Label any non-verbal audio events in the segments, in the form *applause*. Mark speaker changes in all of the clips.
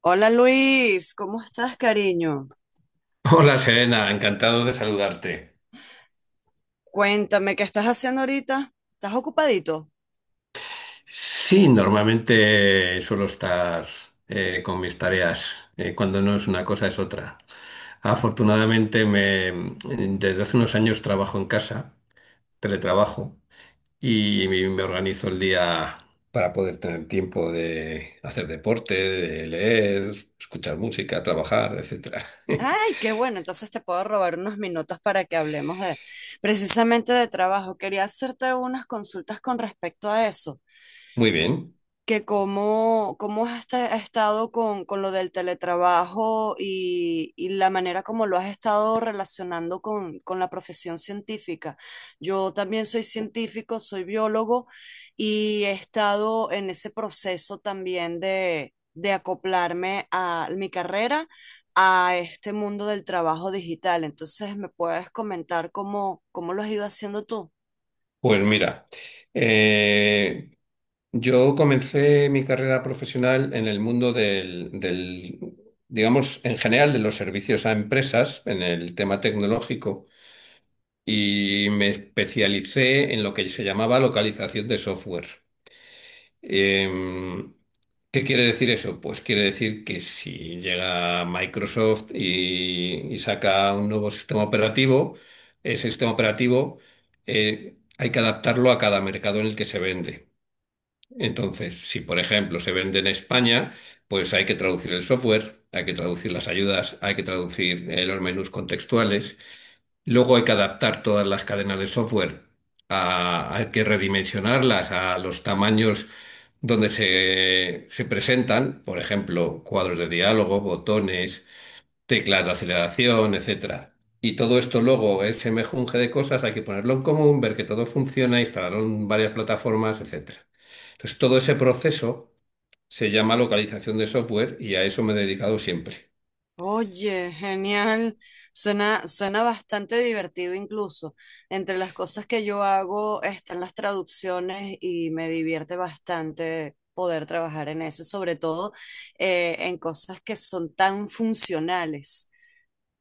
Speaker 1: Hola Luis, ¿cómo estás, cariño?
Speaker 2: Hola Serena, encantado de saludarte.
Speaker 1: Cuéntame, ¿qué estás haciendo ahorita? ¿Estás ocupadito?
Speaker 2: Sí, normalmente suelo estar con mis tareas. Cuando no es una cosa es otra. Afortunadamente desde hace unos años trabajo en casa, teletrabajo, y me organizo el día para poder tener tiempo de hacer deporte, de leer, escuchar música, trabajar, etcétera.
Speaker 1: Ay,
Speaker 2: *laughs*
Speaker 1: qué bueno, entonces te puedo robar unos minutos para que hablemos de precisamente de trabajo. Quería hacerte unas consultas con respecto a eso.
Speaker 2: Muy bien,
Speaker 1: Que cómo has estado con lo del teletrabajo y la manera como lo has estado relacionando con la profesión científica. Yo también soy científico, soy biólogo y he estado en ese proceso también de acoplarme a mi carrera, a este mundo del trabajo digital. Entonces, ¿me puedes comentar cómo lo has ido haciendo tú?
Speaker 2: pues mira, eh, yo comencé mi carrera profesional en el mundo digamos, en general de los servicios a empresas, en el tema tecnológico, y me especialicé en lo que se llamaba localización de software. Em, ¿Qué quiere decir eso? Pues quiere decir que si llega Microsoft y saca un nuevo sistema operativo, ese sistema operativo hay que adaptarlo a cada mercado en el que se vende. Entonces, si por ejemplo se vende en España, pues hay que traducir el software, hay que traducir las ayudas, hay que traducir los menús contextuales. Luego hay que adaptar todas las cadenas de software, hay que redimensionarlas a los tamaños donde se presentan, por ejemplo, cuadros de diálogo, botones, teclas de aceleración, etcétera. Y todo esto luego, ese mejunje de cosas, hay que ponerlo en común, ver que todo funciona, instalarlo en varias plataformas, etcétera. Entonces, todo ese proceso se llama localización de software y a eso me he dedicado siempre.
Speaker 1: Oye, genial. Suena bastante divertido incluso. Entre las cosas que yo hago están las traducciones y me divierte bastante poder trabajar en eso, sobre todo en cosas que son tan funcionales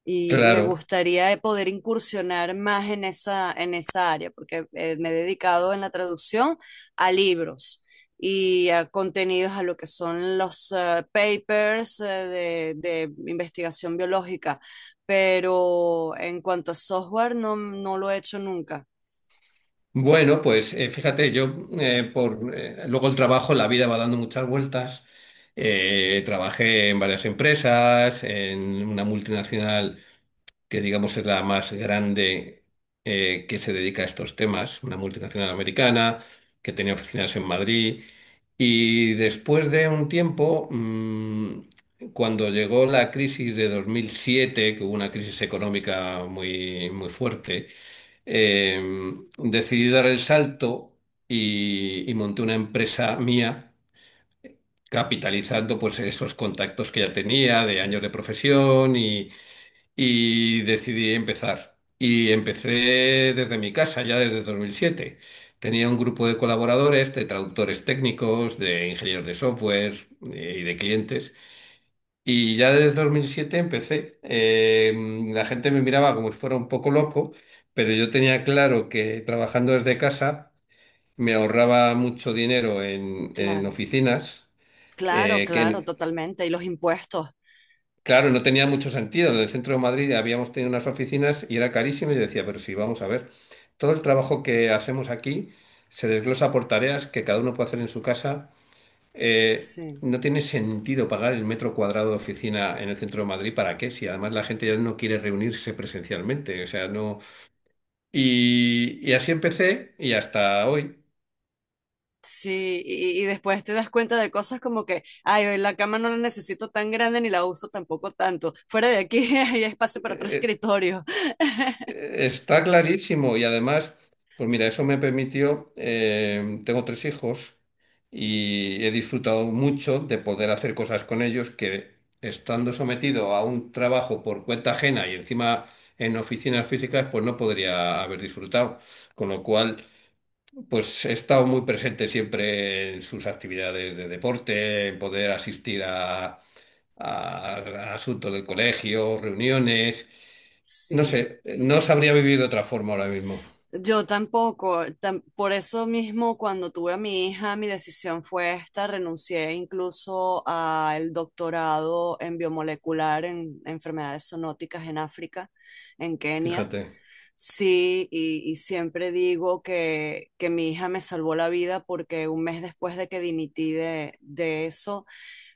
Speaker 1: y me
Speaker 2: Claro.
Speaker 1: gustaría poder incursionar más en esa área, porque me he dedicado en la traducción a libros y a contenidos, a lo que son los papers, de investigación biológica, pero en cuanto a software no, no lo he hecho nunca.
Speaker 2: Bueno, pues fíjate, yo por luego el trabajo, la vida va dando muchas vueltas. Trabajé en varias empresas, en una multinacional que digamos es la más grande, que se dedica a estos temas, una multinacional americana que tenía oficinas en Madrid. Y después de un tiempo, cuando llegó la crisis de 2007, que hubo una crisis económica muy, muy fuerte, eh, decidí dar el salto y monté una empresa mía, capitalizando pues esos contactos que ya tenía de años de profesión y decidí empezar. Y empecé desde mi casa, ya desde 2007. Tenía un grupo de colaboradores, de traductores técnicos, de ingenieros de software, y de clientes. Y ya desde 2007 empecé. La gente me miraba como si fuera un poco loco, pero yo tenía claro que trabajando desde casa me ahorraba mucho dinero en
Speaker 1: Claro,
Speaker 2: oficinas,
Speaker 1: claro, claro,
Speaker 2: que
Speaker 1: totalmente. Y los impuestos,
Speaker 2: claro, no tenía mucho sentido. En el centro de Madrid habíamos tenido unas oficinas y era carísimo y yo decía, pero sí, vamos a ver, todo el trabajo que hacemos aquí se desglosa por tareas que cada uno puede hacer en su casa. Eh,
Speaker 1: sí.
Speaker 2: no tiene sentido pagar el metro cuadrado de oficina en el centro de Madrid, ¿para qué? Si además la gente ya no quiere reunirse presencialmente, o sea, no... Y, y así empecé y hasta hoy.
Speaker 1: Sí, y después te das cuenta de cosas como que, ay, la cama no la necesito tan grande ni la uso tampoco tanto. Fuera de aquí *laughs* hay espacio para otro
Speaker 2: Eh, eh,
Speaker 1: escritorio. *laughs*
Speaker 2: Está clarísimo y además, pues mira, eso me permitió, tengo tres hijos y he disfrutado mucho de poder hacer cosas con ellos que estando sometido a un trabajo por cuenta ajena y encima en oficinas físicas, pues no podría haber disfrutado. Con lo cual... pues he estado muy presente siempre en sus actividades de deporte, en poder asistir a, asuntos del colegio, reuniones. No
Speaker 1: Sí,
Speaker 2: sé, no sabría vivir de otra forma ahora mismo.
Speaker 1: yo tampoco. Por eso mismo, cuando tuve a mi hija, mi decisión fue esta. Renuncié incluso al doctorado en biomolecular en enfermedades zoonóticas en África, en Kenia.
Speaker 2: Fíjate,
Speaker 1: Sí, y siempre digo que mi hija me salvó la vida porque un mes después de que dimití de eso,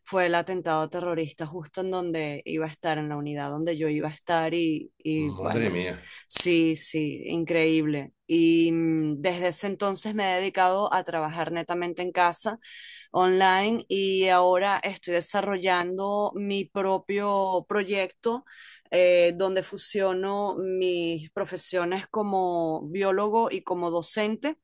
Speaker 1: fue el atentado terrorista justo en donde iba a estar, en la unidad donde yo iba a estar y
Speaker 2: madre
Speaker 1: bueno,
Speaker 2: mía.
Speaker 1: sí, sí, increíble. Y desde ese entonces me he dedicado a trabajar netamente en casa online y ahora estoy desarrollando mi propio proyecto, donde fusiono mis profesiones como biólogo y como docente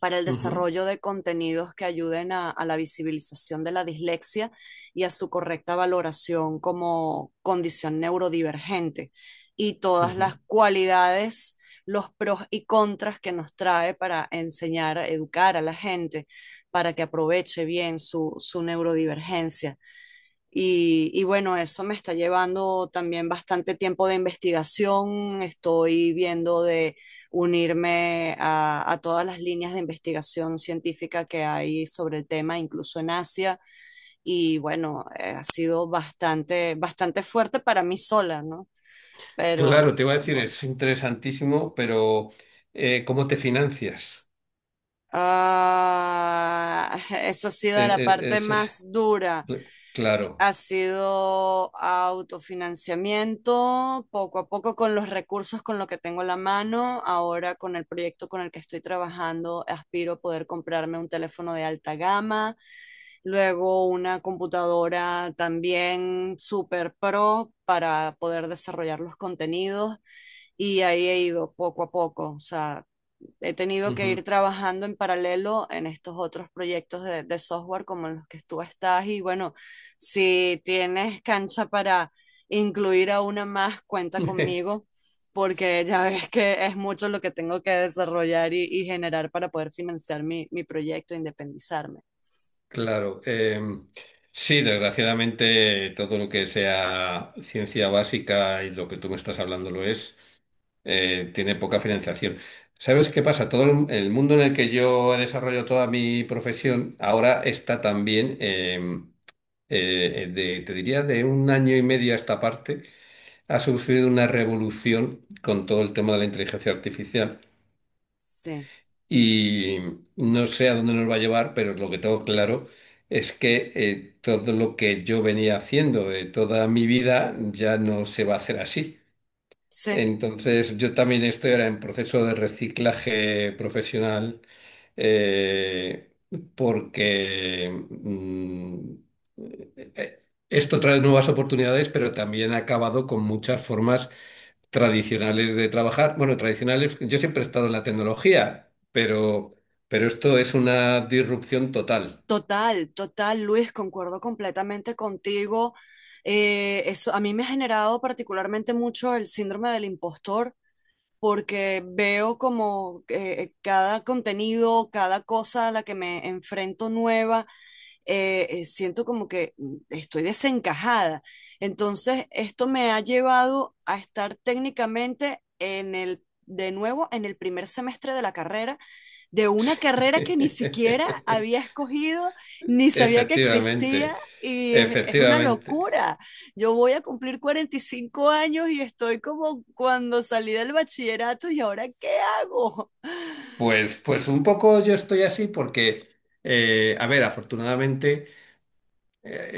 Speaker 1: para el
Speaker 2: Ujú,
Speaker 1: desarrollo de contenidos que ayuden a la visibilización de la dislexia y a su correcta valoración como condición neurodivergente y todas las
Speaker 2: ujú.
Speaker 1: cualidades, los pros y contras que nos trae para enseñar, educar a la gente, para que aproveche bien su neurodivergencia. Y bueno, eso me está llevando también bastante tiempo de investigación. Estoy viendo de unirme a todas las líneas de investigación científica que hay sobre el tema, incluso en Asia. Y bueno, ha sido bastante, bastante fuerte para mí sola, ¿no?
Speaker 2: Claro,
Speaker 1: Pero
Speaker 2: te iba a decir,
Speaker 1: bueno.
Speaker 2: es interesantísimo, pero ¿cómo te financias?
Speaker 1: Ah, *laughs* eso ha sido
Speaker 2: Eh,
Speaker 1: la
Speaker 2: eh,
Speaker 1: parte
Speaker 2: es- es-
Speaker 1: más dura.
Speaker 2: cl- claro.
Speaker 1: Ha sido autofinanciamiento, poco a poco con los recursos con lo que tengo a la mano. Ahora con el proyecto con el que estoy trabajando, aspiro a poder comprarme un teléfono de alta gama, luego una computadora también super pro para poder desarrollar los contenidos, y ahí he ido poco a poco. O sea, he tenido que ir
Speaker 2: Ujú.
Speaker 1: trabajando en paralelo en estos otros proyectos de software como en los que tú estás y bueno, si tienes cancha para incluir a una más, cuenta
Speaker 2: *laughs*
Speaker 1: conmigo, porque ya ves que es mucho lo que tengo que desarrollar y generar para poder financiar mi proyecto, independizarme.
Speaker 2: Claro, sí, desgraciadamente todo lo que sea ciencia básica y lo que tú me estás hablando lo es, tiene poca financiación. ¿Sabes qué pasa? Todo el mundo en el que yo he desarrollado toda mi profesión ahora está también, te diría, de 1 año y medio a esta parte, ha sucedido una revolución con todo el tema de la inteligencia artificial.
Speaker 1: Sí,
Speaker 2: Y no sé a dónde nos va a llevar, pero lo que tengo claro es que todo lo que yo venía haciendo de toda mi vida ya no se va a hacer así.
Speaker 1: sí,
Speaker 2: Entonces, yo también estoy ahora en proceso de reciclaje profesional, eh, porque mm, eh, esto trae nuevas oportunidades, pero también ha acabado con muchas formas tradicionales de trabajar. Bueno, tradicionales, yo siempre he estado en la tecnología, pero esto es una disrupción total.
Speaker 1: total, total, Luis, concuerdo completamente contigo. Eso a mí me ha generado particularmente mucho el síndrome del impostor, porque veo como cada contenido, cada cosa a la que me enfrento nueva, siento como que estoy desencajada. Entonces, esto me ha llevado a estar técnicamente de nuevo, en el primer semestre de la carrera, de una carrera que ni siquiera
Speaker 2: *laughs*
Speaker 1: había escogido, ni sabía que
Speaker 2: Efectivamente,
Speaker 1: existía, y es, una
Speaker 2: efectivamente.
Speaker 1: locura. Yo voy a cumplir 45 años y estoy como cuando salí del bachillerato, y ahora ¿qué hago?
Speaker 2: Pues, pues un poco yo estoy así porque, a ver, afortunadamente eh,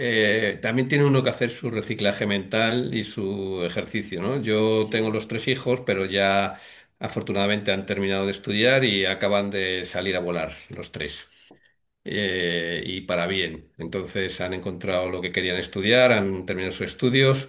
Speaker 2: eh, también tiene uno que hacer su reciclaje mental y su ejercicio, ¿no? Yo tengo
Speaker 1: Sí,
Speaker 2: los 3 hijos, pero ya afortunadamente han terminado de estudiar y acaban de salir a volar los 3. Y para bien. Entonces han encontrado lo que querían estudiar, han terminado sus estudios.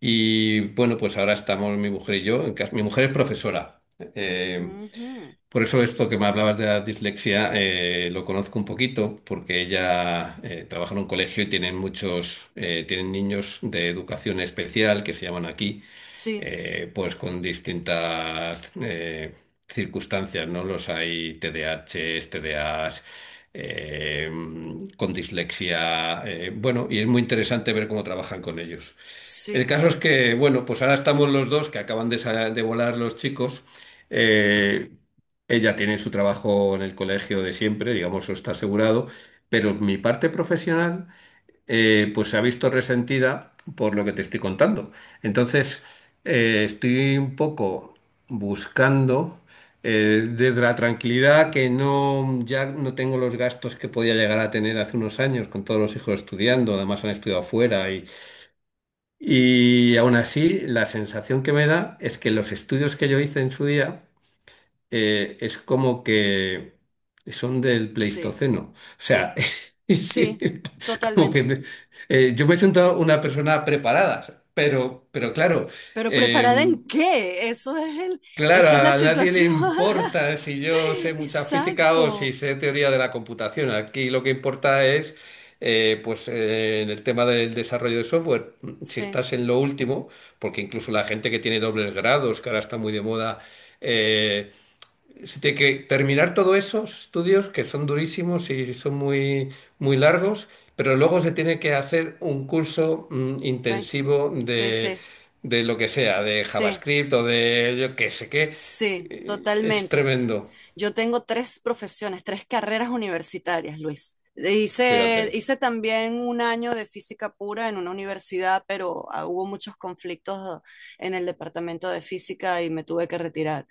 Speaker 2: Y bueno, pues ahora estamos mi mujer y yo en casa. Mi mujer es profesora. Eh,
Speaker 1: ujú.
Speaker 2: por eso esto que me hablabas de la dislexia, lo conozco un poquito, porque ella trabaja en un colegio y tienen muchos, tienen niños de educación especial, que se llaman aquí,
Speaker 1: Sí,
Speaker 2: pues con distintas circunstancias, ¿no? Los hay TDAHs, TDAs, eh, con dislexia, bueno, y es muy interesante ver cómo trabajan con ellos. El
Speaker 1: sí,
Speaker 2: caso es que, bueno, pues ahora estamos los dos, que acaban de, de volar los chicos. eh, Ella tiene su trabajo en el colegio de siempre, digamos, eso está asegurado, pero mi parte profesional, pues se ha visto resentida por lo que te estoy contando. Entonces, estoy un poco buscando, desde la tranquilidad, que no, ya no tengo los gastos que podía llegar a tener hace unos años con todos los hijos estudiando, además han estudiado fuera y aún así la sensación que me da es que los estudios que yo hice en su día, es como que son del
Speaker 1: sí,
Speaker 2: Pleistoceno. O
Speaker 1: sí,
Speaker 2: sea, *laughs* sí,
Speaker 1: sí,
Speaker 2: como que
Speaker 1: totalmente.
Speaker 2: yo me he sentado una persona preparada, pero claro,
Speaker 1: ¿Pero
Speaker 2: eh,
Speaker 1: preparada en qué? Eso es el...
Speaker 2: claro,
Speaker 1: esa es la
Speaker 2: a nadie le
Speaker 1: situación.
Speaker 2: importa si yo
Speaker 1: *laughs*
Speaker 2: sé mucha física o si
Speaker 1: Exacto.
Speaker 2: sé teoría de la computación. Aquí lo que importa es, en el tema del desarrollo de software, si
Speaker 1: Sí,
Speaker 2: estás en lo último, porque incluso la gente que tiene dobles grados, que ahora está muy de moda, eh, se tiene que terminar todos esos estudios que son durísimos y son muy, muy largos, pero luego se tiene que hacer un curso
Speaker 1: sí,
Speaker 2: intensivo
Speaker 1: sí, sí,
Speaker 2: de lo que sea, de
Speaker 1: sí.
Speaker 2: JavaScript o de yo qué sé qué.
Speaker 1: Sí,
Speaker 2: Es
Speaker 1: totalmente.
Speaker 2: tremendo,
Speaker 1: Yo tengo tres profesiones, tres carreras universitarias, Luis. Hice,
Speaker 2: fíjate.
Speaker 1: hice también un año de física pura en una universidad, pero hubo muchos conflictos en el departamento de física y me tuve que retirar.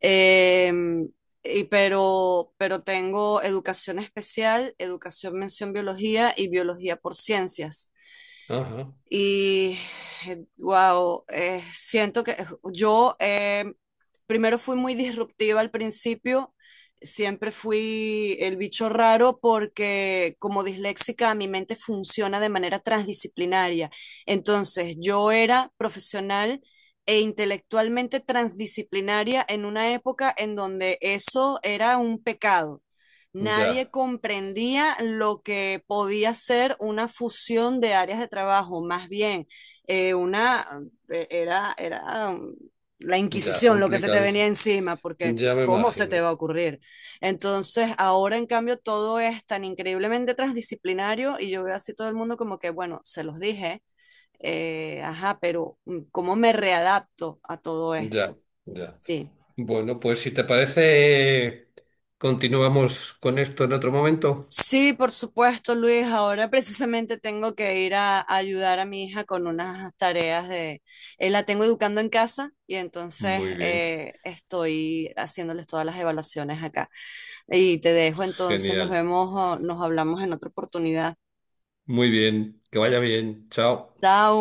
Speaker 1: Em, y pero tengo educación especial, educación mención biología y biología por ciencias.
Speaker 2: Ajá.
Speaker 1: Y wow, siento que yo, primero fui muy disruptiva al principio, siempre fui el bicho raro porque como disléxica mi mente funciona de manera transdisciplinaria. Entonces yo era profesional e intelectualmente transdisciplinaria en una época en donde eso era un pecado. Nadie
Speaker 2: Ya,
Speaker 1: comprendía lo que podía ser una fusión de áreas de trabajo, más bien, una, era la
Speaker 2: ya,
Speaker 1: Inquisición lo que se te venía
Speaker 2: complicadísimo.
Speaker 1: encima, porque
Speaker 2: Ya me
Speaker 1: ¿cómo se te va
Speaker 2: imagino.
Speaker 1: a ocurrir? Entonces, ahora en cambio todo es tan increíblemente transdisciplinario y yo veo así todo el mundo como que, bueno, se los dije, ajá, pero ¿cómo me readapto a todo
Speaker 2: Ya,
Speaker 1: esto?
Speaker 2: ya.
Speaker 1: Sí.
Speaker 2: Bueno, pues si te parece, continuamos con esto en otro momento.
Speaker 1: Sí, por supuesto, Luis. Ahora precisamente tengo que ir a ayudar a mi hija con unas tareas de... la tengo educando en casa y entonces
Speaker 2: Muy bien,
Speaker 1: estoy haciéndoles todas las evaluaciones acá. Y te dejo entonces, nos
Speaker 2: genial.
Speaker 1: vemos, o nos hablamos en otra oportunidad.
Speaker 2: Muy bien, que vaya bien. Chao.
Speaker 1: Chao.